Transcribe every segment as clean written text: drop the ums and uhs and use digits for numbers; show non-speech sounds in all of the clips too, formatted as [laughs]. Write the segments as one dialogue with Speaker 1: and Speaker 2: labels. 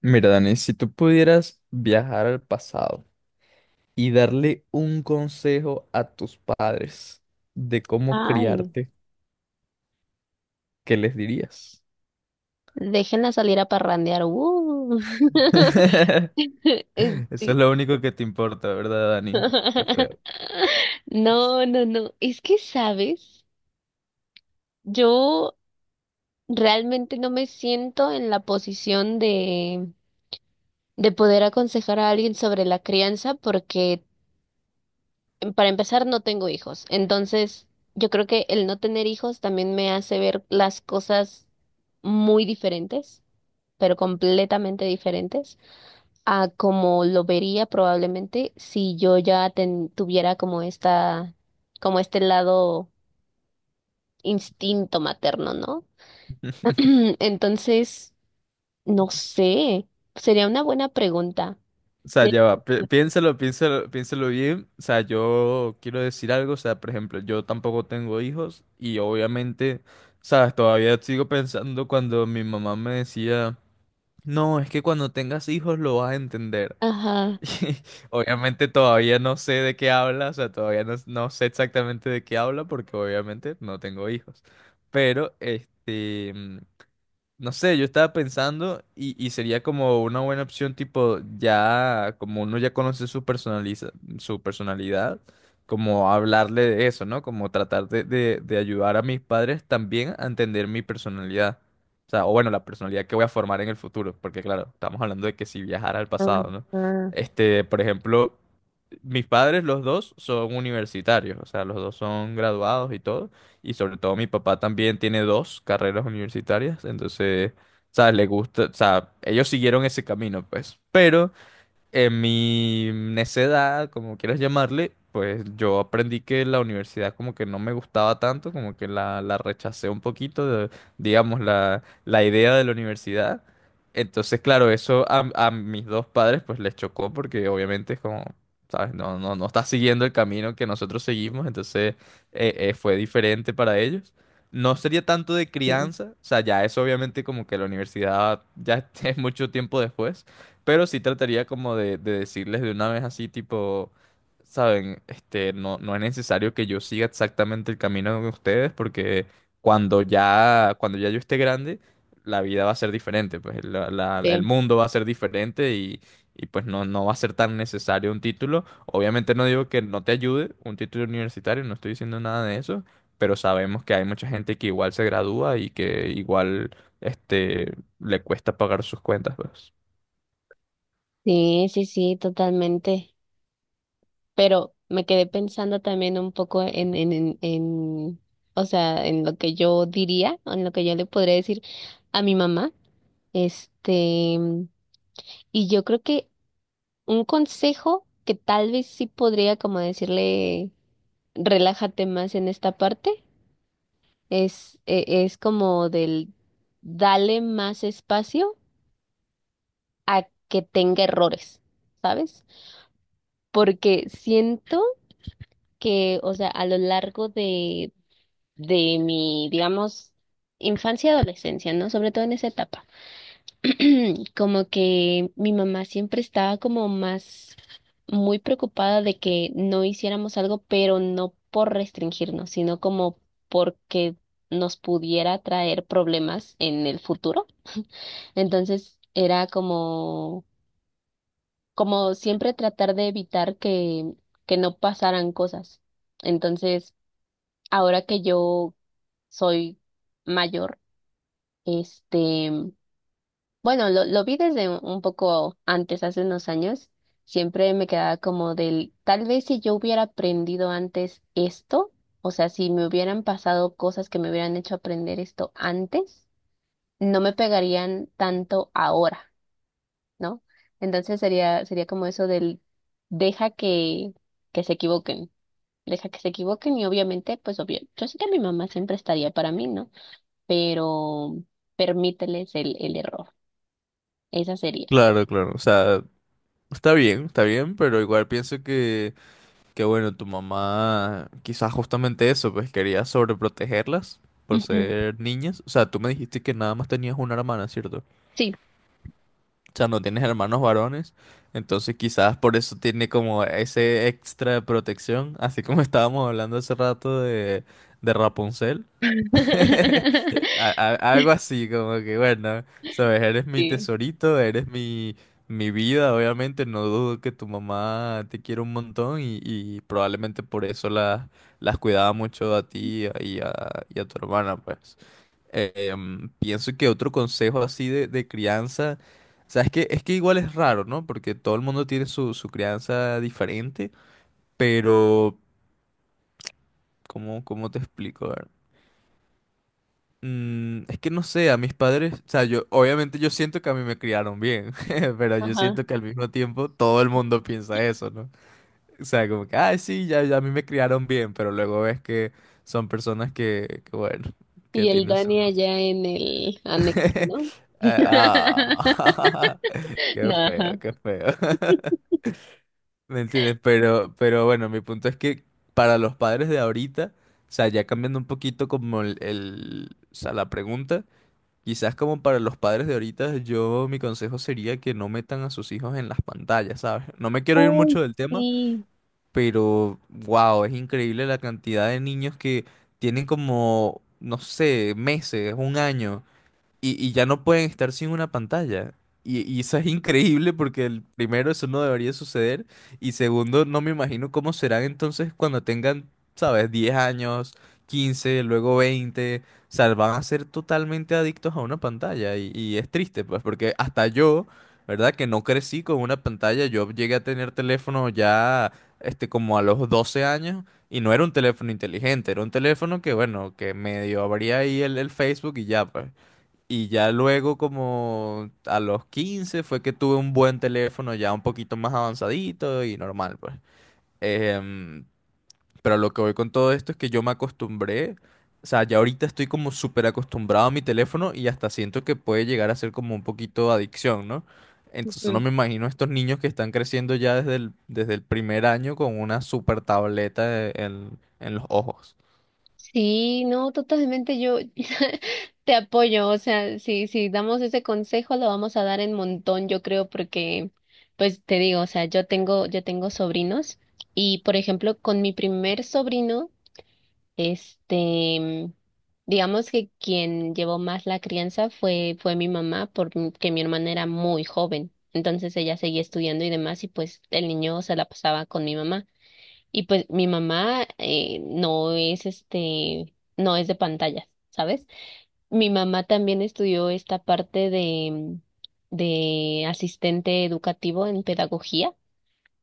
Speaker 1: Mira, Dani, si tú pudieras viajar al pasado y darle un consejo a tus padres de cómo
Speaker 2: Ay,
Speaker 1: criarte, ¿qué les dirías?
Speaker 2: déjenla salir a parrandear.
Speaker 1: [laughs]
Speaker 2: [laughs]
Speaker 1: Eso es
Speaker 2: Este,
Speaker 1: lo único que te importa, ¿verdad, Dani? Qué feo.
Speaker 2: [laughs] No, no, no. Es que, ¿sabes? Yo realmente no me siento en la posición de poder aconsejar a alguien sobre la crianza porque, para empezar, no tengo hijos. Entonces, yo creo que el no tener hijos también me hace ver las cosas muy diferentes, pero completamente diferentes a como lo vería probablemente si yo ya tuviera como esta, como este lado instinto materno, ¿no? [clears throat] Entonces, no sé, sería una buena pregunta.
Speaker 1: O sea,
Speaker 2: Sí.
Speaker 1: ya va, piénsalo, piénsalo bien. O sea, yo quiero decir algo, o sea, por ejemplo, yo tampoco tengo hijos y obviamente, sabes, todavía sigo pensando cuando mi mamá me decía, no, es que cuando tengas hijos lo vas a entender.
Speaker 2: Ajá,
Speaker 1: [laughs] Obviamente todavía no sé de qué habla, o sea, todavía no sé exactamente de qué habla porque obviamente no tengo hijos. Pero, este, no sé, yo estaba pensando y sería como una buena opción tipo ya, como uno ya conoce su personaliza, su personalidad, como hablarle de eso, ¿no? Como tratar de ayudar a mis padres también a entender mi personalidad. O sea, o bueno, la personalidad que voy a formar en el futuro, porque claro, estamos hablando de que si viajara al pasado,
Speaker 2: ajá.
Speaker 1: ¿no? Este, por ejemplo, mis padres, los dos, son universitarios, o sea, los dos son graduados y todo. Y sobre todo mi papá también tiene dos carreras universitarias, entonces, ¿sabes? Le gusta, o sea, ellos siguieron ese camino, pues. Pero en mi necedad, como quieras llamarle, pues yo aprendí que la universidad como que no me gustaba tanto, como que la rechacé un poquito, digamos, la idea de la universidad. Entonces, claro, eso a mis dos padres pues les chocó porque obviamente es como, ¿sabes? No está siguiendo el camino que nosotros seguimos, entonces fue diferente para ellos. No sería tanto de
Speaker 2: mm,
Speaker 1: crianza, o sea, ya eso obviamente como que la universidad ya [laughs] es mucho tiempo después pero sí trataría como de decirles de una vez así, tipo, saben, este, no es necesario que yo siga exactamente el camino de ustedes, porque cuando ya yo esté grande, la vida va a ser diferente, pues el
Speaker 2: sí,
Speaker 1: mundo va a ser diferente y pues no va a ser tan necesario un título. Obviamente no digo que no te ayude un título universitario, no estoy diciendo nada de eso, pero sabemos que hay mucha gente que igual se gradúa y que igual, este, le cuesta pagar sus cuentas, pues.
Speaker 2: sí, totalmente. Pero me quedé pensando también un poco o sea, en lo que yo diría, en lo que yo le podría decir a mi mamá. Este, Y yo creo que un consejo que tal vez sí podría como decirle, relájate más en esta parte, es como del dale más espacio a que tenga errores, ¿sabes? Porque siento que, o sea, a lo largo de mi, digamos, infancia y adolescencia, ¿no? Sobre todo en esa etapa. [clears throat] Como que mi mamá siempre estaba como más muy preocupada de que no hiciéramos algo, pero no por restringirnos, sino como porque nos pudiera traer problemas en el futuro. Entonces era como, como siempre tratar de evitar que no pasaran cosas. Entonces, ahora que yo soy mayor, este bueno, lo vi desde un poco antes, hace unos años. Siempre me quedaba como del, tal vez si yo hubiera aprendido antes esto, o sea, si me hubieran pasado cosas que me hubieran hecho aprender esto antes, no me pegarían tanto ahora, ¿no? Entonces sería como eso del, deja que se equivoquen, deja que se equivoquen y obviamente, pues obvio, yo sé que mi mamá siempre estaría para mí, ¿no? Pero permíteles el error, esa sería.
Speaker 1: Claro, claro. O sea, está bien, pero igual pienso que bueno, tu mamá quizás justamente eso, pues quería sobreprotegerlas por
Speaker 2: Ujú.
Speaker 1: ser niñas. O sea, tú me dijiste que nada más tenías una hermana, ¿cierto? O
Speaker 2: Sí.
Speaker 1: sea, no tienes hermanos varones, entonces quizás por eso tiene como ese extra de protección, así como [laughs] estábamos hablando hace rato de Rapunzel. [laughs]
Speaker 2: [laughs]
Speaker 1: Algo así, como que bueno, sabes, eres mi
Speaker 2: Sí,
Speaker 1: tesorito, mi vida, obviamente, no dudo que tu mamá te quiere un montón y probablemente por eso las cuidaba mucho a ti y a tu hermana, pues. Pienso que otro consejo así de crianza, o sea, es que igual es raro, ¿no? Porque todo el mundo tiene su crianza diferente, pero ¿cómo te explico? Es que no sé, a mis padres, o sea, yo siento que a mí me criaron bien, [laughs] pero yo
Speaker 2: ajá.
Speaker 1: siento que al mismo tiempo todo el mundo piensa eso, ¿no? O sea, como que, ay, sí, ya a mí me criaron bien, pero luego ves que son personas que bueno, que
Speaker 2: Y el
Speaker 1: tienen su...
Speaker 2: Dani allá en el anexo,
Speaker 1: [laughs]
Speaker 2: ¿no? Ya. [laughs]
Speaker 1: Ah, [laughs] qué
Speaker 2: No,
Speaker 1: feo,
Speaker 2: ajá.
Speaker 1: qué feo. [laughs] ¿Me entiendes? Pero bueno, mi punto es que para los padres de ahorita, o sea, ya cambiando un poquito como o sea, la pregunta. Quizás como para los padres de ahorita, yo mi consejo sería que no metan a sus hijos en las pantallas, ¿sabes? No me quiero ir
Speaker 2: Uy,
Speaker 1: mucho del tema,
Speaker 2: sí.
Speaker 1: pero wow, es increíble la cantidad de niños que tienen como, no sé, meses, un año y ya no pueden estar sin una pantalla. Y eso es increíble porque el, primero eso no debería suceder y segundo no me imagino cómo serán entonces cuando tengan, sabes, 10 años, 15 luego 20 o sea, van a ser totalmente adictos a una pantalla y es triste pues porque hasta yo, ¿verdad? Que no crecí con una pantalla, yo llegué a tener teléfono ya este como a los 12 años. Y no era un teléfono inteligente, era un teléfono que, bueno, que medio abría ahí el Facebook y ya, pues. Y ya luego, como a los 15 fue que tuve un buen teléfono ya un poquito más avanzadito y normal, pues. Em, pero lo que voy con todo esto es que yo me acostumbré, o sea, ya ahorita estoy como súper acostumbrado a mi teléfono y hasta siento que puede llegar a ser como un poquito adicción, ¿no? Entonces no
Speaker 2: Ujú.
Speaker 1: me imagino estos niños que están creciendo ya desde desde el primer año con una súper tableta en los ojos.
Speaker 2: Sí, no, totalmente yo [laughs] te apoyo, o sea, si damos ese consejo lo vamos a dar en montón, yo creo, porque, pues te digo, o sea, yo tengo sobrinos y, por ejemplo, con mi primer sobrino, Este, digamos que quien llevó más la crianza fue mi mamá, porque mi hermana era muy joven. Entonces ella seguía estudiando y demás, y pues el niño se la pasaba con mi mamá. Y pues mi mamá no es no es de pantallas, ¿sabes? Mi mamá también estudió esta parte de asistente educativo en pedagogía.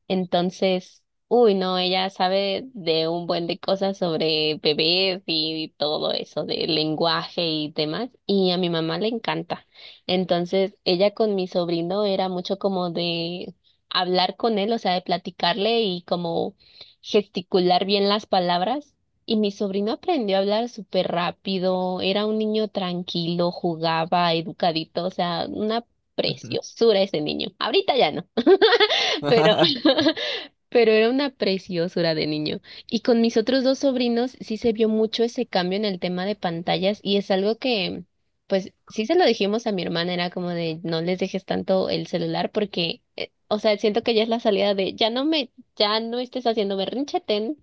Speaker 2: Entonces, uy, no, ella sabe de un buen de cosas sobre bebés y todo eso, de lenguaje y demás, y a mi mamá le encanta. Entonces, ella con mi sobrino era mucho como de hablar con él, o sea, de platicarle y como gesticular bien las palabras. Y mi sobrino aprendió a hablar súper rápido, era un niño tranquilo, jugaba, educadito, o sea, una preciosura ese niño. Ahorita ya no, [laughs] pero [laughs] pero era una preciosura de niño. Y con mis otros dos sobrinos sí se vio mucho ese cambio en el tema de pantallas y es algo que, pues sí se lo dijimos a mi hermana, era como de no les dejes tanto el celular porque, o sea, siento que ya es la salida de ya no estés haciendo berrinche, ten,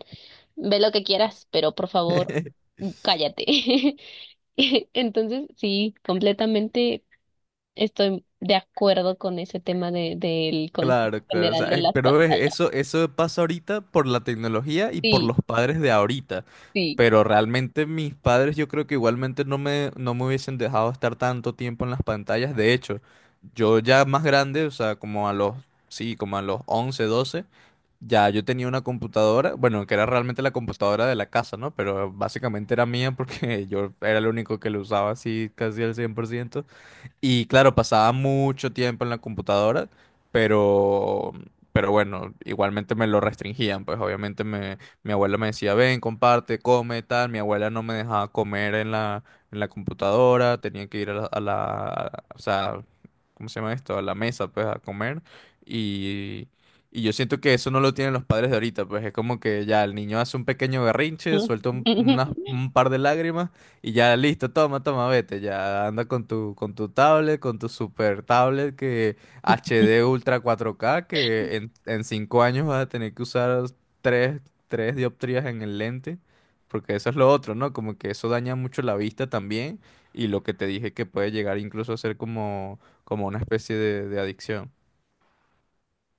Speaker 2: ve lo que quieras, pero por favor,
Speaker 1: [laughs]
Speaker 2: cállate. [laughs] Entonces, sí, completamente estoy de acuerdo con ese tema del concepto
Speaker 1: Claro, claro, o
Speaker 2: general
Speaker 1: sea,
Speaker 2: de las
Speaker 1: pero
Speaker 2: pantallas.
Speaker 1: eso, eso pasa ahorita por la tecnología y por
Speaker 2: Sí,
Speaker 1: los padres de ahorita.
Speaker 2: sí.
Speaker 1: Pero realmente mis padres yo creo que igualmente no me hubiesen dejado estar tanto tiempo en las pantallas. De hecho, yo ya más grande, o sea, sí, como a los 11, 12, ya yo tenía una computadora, bueno, que era realmente la computadora de la casa, ¿no? Pero básicamente era mía porque [laughs] yo era el único que lo usaba así casi al 100%. Y claro, pasaba mucho tiempo en la computadora, pero, pero bueno, igualmente me lo restringían, pues obviamente mi abuela me decía, ven, comparte, come, tal, mi abuela no me dejaba comer en en la computadora, tenía que ir a o sea, ¿cómo se llama esto? A la mesa, pues, a comer, y, y yo siento que eso no lo tienen los padres de ahorita, pues es como que ya el niño hace un pequeño
Speaker 2: [laughs]
Speaker 1: berrinche, suelta
Speaker 2: Ujú.
Speaker 1: un par de lágrimas, y ya listo, toma, toma, vete. Ya anda con tu tablet, con tu super tablet que HD Ultra 4K, que en cinco años vas a tener que usar tres, tres dioptrías en el lente. Porque eso es lo otro, ¿no? Como que eso daña mucho la vista también. Y lo que te dije que puede llegar incluso a ser como, como una especie de adicción.